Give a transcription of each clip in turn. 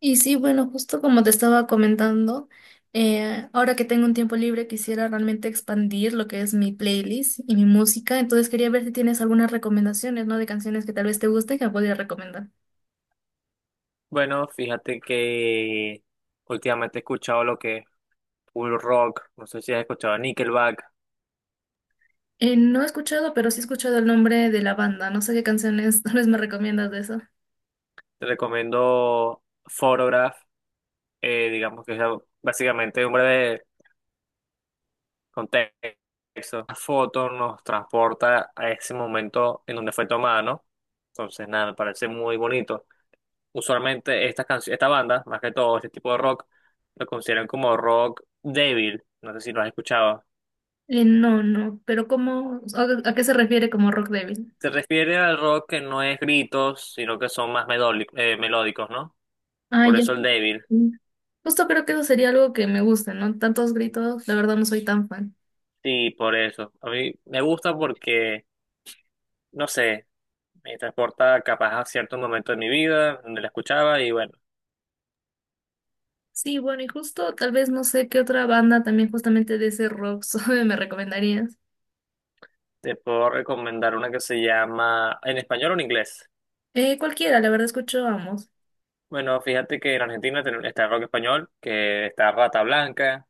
Y sí, bueno, justo como te estaba comentando, ahora que tengo un tiempo libre quisiera realmente expandir lo que es mi playlist y mi música, entonces quería ver si tienes algunas recomendaciones, ¿no? De canciones que tal vez te gusten que me podría recomendar. Bueno, fíjate que últimamente he escuchado lo que es full rock, no sé si has escuchado a Nickelback, No he escuchado, pero sí he escuchado el nombre de la banda, no sé qué canciones tal vez me recomiendas de eso. te recomiendo Photograph, digamos que es básicamente un breve contexto. La foto nos transporta a ese momento en donde fue tomada, ¿no? Entonces, nada, me parece muy bonito. Usualmente estas canciones, esta banda, más que todo este tipo de rock, lo consideran como rock débil, no sé si lo has escuchado. No, no, pero ¿cómo, a qué se refiere como rock débil? Se refiere al rock que no es gritos, sino que son más melódicos, ¿no? Ah, Por ya. eso el débil. Mm. Justo creo que eso sería algo que me guste, ¿no? Tantos gritos, la verdad no soy tan fan. Sí, por eso. A mí me gusta porque, no sé, me transporta capaz a cierto momento de mi vida donde la escuchaba y bueno, Sí, bueno, y justo tal vez no sé qué otra banda también justamente de ese rock suave me recomendarías. te puedo recomendar una que se llama en español o en inglés. Cualquiera, la verdad escucho ambos. Bueno, fíjate que en Argentina está el rock español, que está Rata Blanca,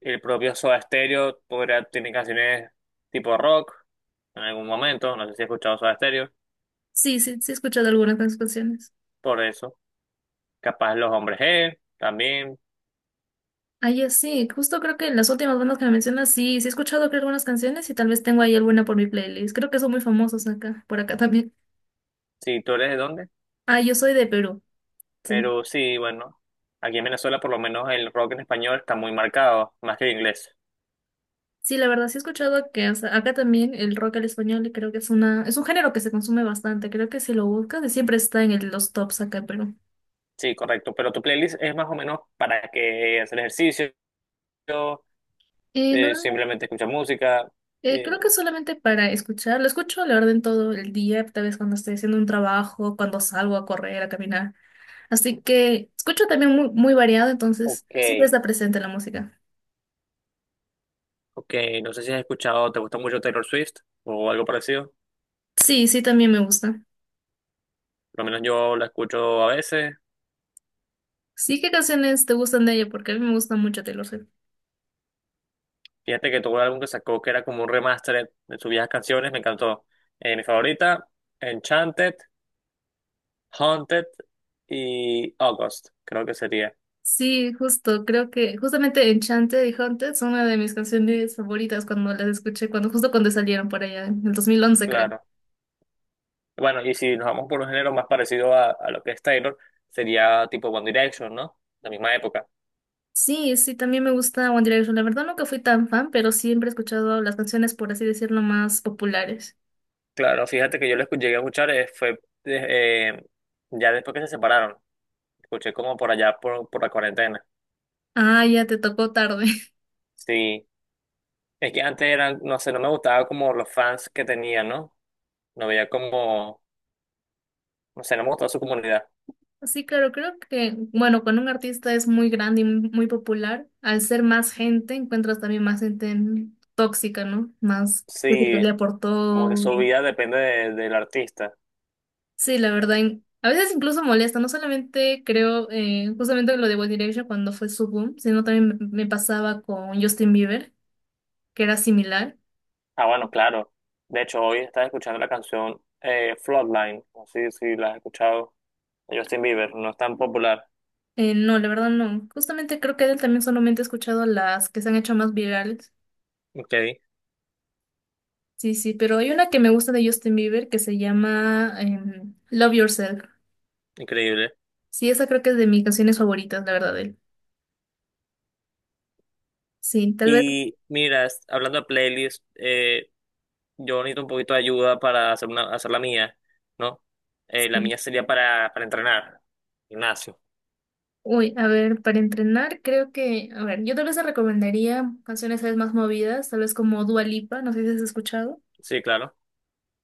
el propio Soda Stereo podría, tiene canciones tipo rock en algún momento, no sé si has escuchado Soda Stereo, Sí, sí, sí he escuchado algunas de sus canciones. por eso. Capaz los hombres G, también, Ah, ya sí, justo creo que las últimas bandas que me mencionas, sí, sí he escuchado creo algunas canciones y tal vez tengo ahí alguna por mi playlist. Creo que son muy famosos acá, por acá también. si tú eres de dónde, Ah, yo soy de Perú, sí. pero sí, bueno, aquí en Venezuela por lo menos el rock en español está muy marcado, más que el inglés. Sí, la verdad sí he escuchado que o sea, acá también el rock al español creo que es una, es un género que se consume bastante. Creo que si lo buscas siempre está en los tops acá en Perú. Sí, correcto, pero tu playlist es más o menos para que hacer ejercicio, No. Simplemente escuchar música. Eh, Creo que solamente para escuchar, lo escucho la orden todo el día, tal vez cuando estoy haciendo un trabajo, cuando salgo a correr, a caminar. Así que escucho también muy, muy variado, entonces ok, siempre está presente la música. ok, no sé si has escuchado, ¿te gusta mucho Taylor Swift o algo parecido? Sí, sí, también me gusta. Por lo menos yo la escucho a veces. Sí, ¿qué canciones te gustan de ella? Porque a mí me gusta mucho Taylor Swift. Fíjate que tuvo un álbum que sacó que era como un remaster de sus viejas canciones, me encantó. Mi favorita, Enchanted. Haunted y August, creo que sería, Sí, justo, creo que justamente Enchanted y Haunted son una de mis canciones favoritas cuando las escuché, cuando justo cuando salieron por allá, en el 2011 creo. claro. Bueno, y si nos vamos por un género más parecido a lo que es Taylor, sería tipo One Direction, ¿no? La misma época. Sí, sí, también me gusta One Direction. La verdad nunca fui tan fan, pero siempre he escuchado las canciones, por así decirlo, más populares. Claro, fíjate que yo llegué a escuchar, ya después que se separaron. Escuché como por allá, por la cuarentena. Ah, ya te tocó tarde. Sí, es que antes eran, no sé, no me gustaba como los fans que tenía, ¿no? No veía como, no sé, no me gustaba su comunidad. Sí, claro, creo que, bueno, cuando un artista es muy grande y muy popular, al ser más gente, encuentras también más gente tóxica, ¿no? Más que se Sí, pelea por como que todo. su Y vida depende del artista. Sí, la verdad, a veces incluso molesta, no solamente creo, justamente lo de One Direction cuando fue su boom, sino también me pasaba con Justin Bieber, que era similar. Ah, bueno, claro. De hecho, hoy estás escuchando la canción Floodline. No sé si la has escuchado. De Justin Bieber, no es tan popular. No, la verdad no. Justamente creo que de él también solamente he escuchado las que se han hecho más virales. Ok, Sí, sí, pero hay una que me gusta de Justin Bieber que se llama Love Yourself. increíble. Sí, esa creo que es de mis canciones favoritas, la verdad, de él. Sí, tal vez. Y mira, hablando de playlist, yo necesito un poquito de ayuda para hacer, una, hacer la mía, ¿no? La Sí. mía sería para entrenar. Gimnasio. Uy, a ver, para entrenar creo que, a ver, yo tal vez te recomendaría canciones tal vez más movidas, tal vez como Dua Lipa, no sé si has escuchado. Sí, claro.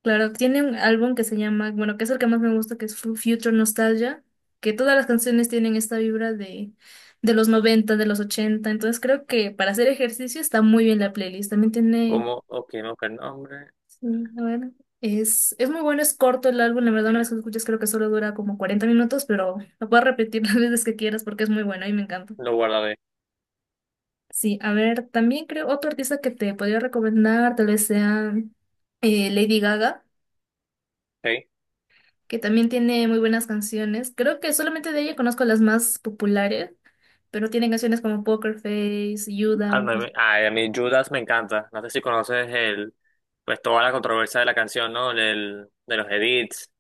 Claro, tiene un álbum que se llama, bueno, que es el que más me gusta, que es Future Nostalgia, que todas las canciones tienen esta vibra de los 90, de los 80. Entonces creo que para hacer ejercicio está muy bien la playlist. También tiene, Cómo ok, no, buscar el nombre. sí, a ver, es muy bueno, es corto el álbum, la verdad una vez Y que lo escuchas creo que solo dura como 40 minutos, pero lo puedes repetir las veces que quieras porque es muy bueno y me encanta. lo guardaré. Sí, a ver, también creo otro artista que te podría recomendar, tal vez sea Lady Gaga. Ok. Que también tiene muy buenas canciones. Creo que solamente de ella conozco las más populares, pero tiene canciones como Poker Face, Ah Judas. no ay, a mí Judas me encanta. No sé si conoces el, pues toda la controversia de la canción, ¿no? Del, de los edits.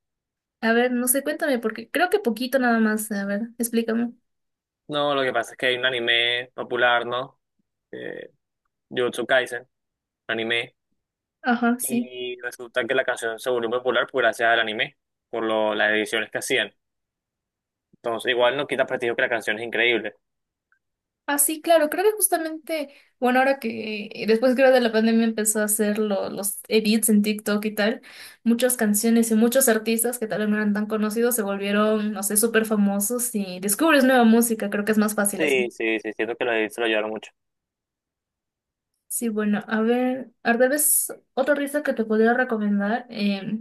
A ver, no sé, cuéntame, porque creo que poquito nada más. A ver, explícame. No, lo que pasa es que hay un anime popular, ¿no? Eh, Jujutsu Kaisen, anime. Ajá, sí. Y resulta que la canción se volvió popular por gracias al anime, por lo, las ediciones que hacían. Entonces, igual no quita prestigio que la canción es increíble. Ah, sí, claro, creo que justamente, bueno, ahora que después creo de la pandemia empezó a hacer los edits en TikTok y tal, muchas canciones y muchos artistas que tal vez no eran tan conocidos se volvieron, no sé, súper famosos y descubres nueva música, creo que es más fácil Sí, así. sí, sí, siento que los edits se lo ayudaron mucho. Sí, bueno, a ver, tal vez otro artista que te podría recomendar,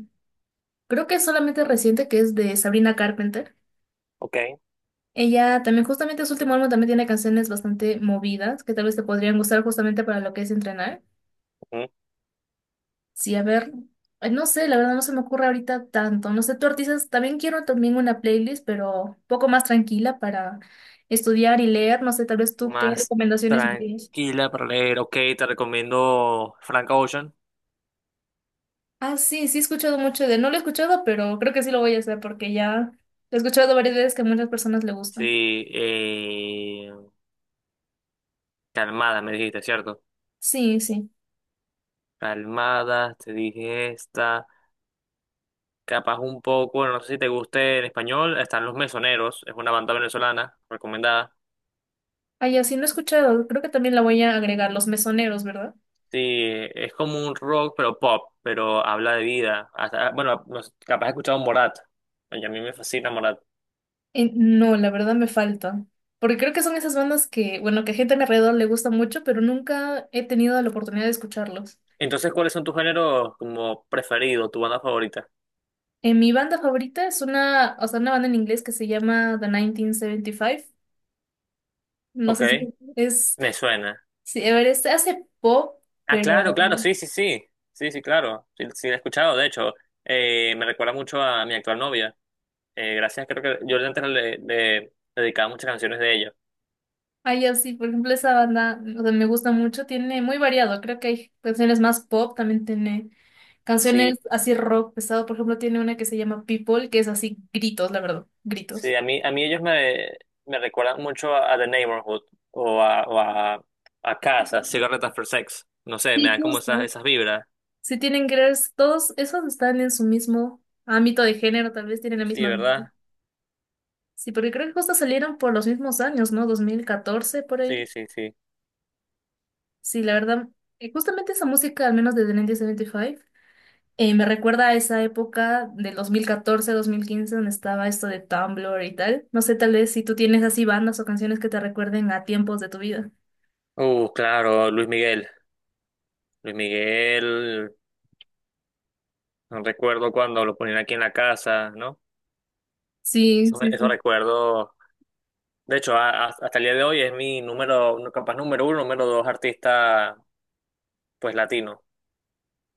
creo que es solamente reciente, que es de Sabrina Carpenter. Ok. Ella también, justamente su último álbum también tiene canciones bastante movidas, que tal vez te podrían gustar justamente para lo que es entrenar. Ujú. Sí, a ver, no sé, la verdad no se me ocurre ahorita tanto. No sé, tú artistas, también quiero también una playlist, pero un poco más tranquila para estudiar y leer. No sé, tal vez tú qué Más recomendaciones me. tranquila para leer. Ok, te recomiendo Frank Ocean. Ah, sí, sí he escuchado mucho de... No lo he escuchado, pero creo que sí lo voy a hacer porque ya he escuchado varias veces que a muchas personas le gustan. Sí, calmada, me dijiste, ¿cierto? Sí, sí. Calmada, te dije esta. Capaz un poco, bueno, no sé si te guste en español, están Los Mesoneros, es una banda venezolana recomendada. Ah, ya sí, no he escuchado. Creo que también la voy a agregar, los mesoneros, ¿verdad? Sí, es como un rock, pero pop, pero habla de vida. Hasta- bueno, no sé, capaz has escuchado Morat, y a mí me fascina Morat. No, la verdad me falta. Porque creo que son esas bandas que, bueno, que a gente a mi alrededor le gusta mucho, pero nunca he tenido la oportunidad de escucharlos. Entonces, ¿cuáles son tus géneros como preferidos, tu banda favorita? Mi banda favorita es una, o sea, una banda en inglés que se llama The 1975. No Ok, sé si es, me suena. sí, a ver, este hace pop, Ah, pero... claro, claro, sí, sí, sí. Sí, sí, claro. Sí, sí, la he escuchado. De hecho, me recuerda mucho a mi actual novia. Gracias, creo que yo antes le dedicaba muchas canciones de ellos. Ay, así, por ejemplo, esa banda, o sea, me gusta mucho, tiene muy variado, creo que hay canciones más pop, también tiene canciones Sí, así rock pesado, por ejemplo, tiene una que se llama People, que es así gritos, la verdad, gritos. sí, a mí ellos me recuerdan mucho a The Neighborhood o a, o a, a Casa, Cigarette After Sex. No sé, me Sí, dan como justo. esas, esas vibras. Sí tienen girls, todos esos están en su mismo ámbito de género, tal vez tienen la Sí, misma. ¿verdad? Sí, porque creo que justo salieron por los mismos años, ¿no? 2014 por ahí. Sí, sí, sí. Sí, la verdad, justamente esa música, al menos desde 1975, me recuerda a esa época del 2014-2015 donde estaba esto de Tumblr y tal. No sé, tal vez si tú tienes así bandas o canciones que te recuerden a tiempos de tu vida. Claro, Luis Miguel. Luis Miguel, no recuerdo cuando lo ponían aquí en la casa, ¿no? Sí, Eso, sí, eso sí. recuerdo. De hecho, hasta el día de hoy es mi número, capaz número uno, número dos artista, pues latino,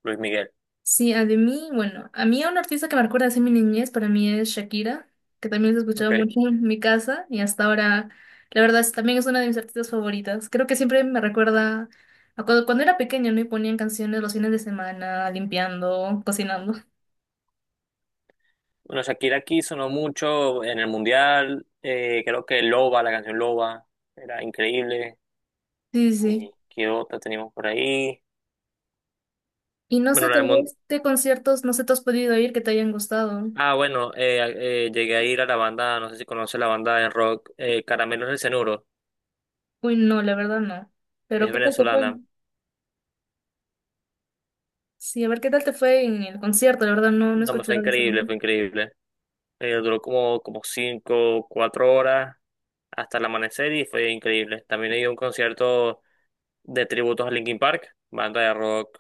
Luis Miguel. Sí, a de mí, bueno, a mí un artista que me recuerda así mi niñez para mí es Shakira, que también se escuchaba Okay. mucho en mi casa y hasta ahora, la verdad, también es una de mis artistas favoritas. Creo que siempre me recuerda a cuando, cuando era pequeña, ¿no? Y ponían canciones los fines de semana, limpiando, cocinando. Bueno, Shakira aquí sonó mucho en el Mundial, creo que Loba, la canción Loba, era increíble. Sí, sí. Y ¿qué otra teníamos por ahí? Y no Bueno, sé, tal vez de conciertos, no sé, ¿te has podido ir que te hayan gustado? ah, bueno, llegué a ir a la banda, no sé si conoce la banda de rock, Caramelos del Cenuro, Uy, no, la verdad no. Pero es ¿qué tal te fue? venezolana. Sí, a ver, ¿qué tal te fue en el concierto? La verdad no, no he No, me fue escuchado. O sea, increíble, fue increíble. Duró como 5, 4 horas hasta el amanecer y fue increíble. También he ido a un concierto de tributos a Linkin Park, banda de rock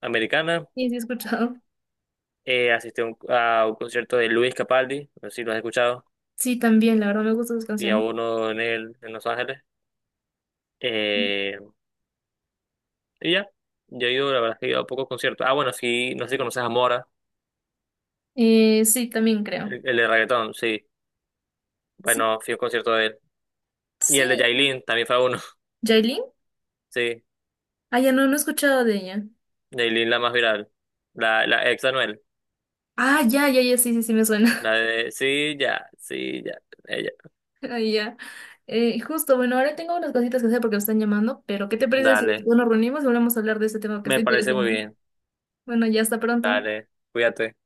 americana. sí, sí he escuchado. Asistí a un concierto de Luis Capaldi, no sé si lo has escuchado, Sí, también, la verdad me gustan sus y a canciones. uno en en Los Ángeles. Eh, y ya, yo he ido, la verdad es que he ido a pocos conciertos. Ah, bueno, sí, no sé si conoces a Mora, Sí, también creo. El de reggaetón, sí. Sí, Bueno, fui a un concierto de él. Y sí. el de Yailin, también fue a uno, ¿Yailin? sí. Ah, ya no, no he escuchado de ella. Yailin, la más viral. La ex Anuel. Ah, ya, ya, ya, sí, sí, sí me suena. La de, sí, ya, sí, ya, ella. Ah, ya. Justo, bueno, ahora tengo unas cositas que hacer porque me están llamando, pero ¿qué te parece si Dale. nos reunimos y volvemos a hablar de este tema que está Me parece muy interesante? bien. Bueno, ya hasta pronto. Dale, cuídate.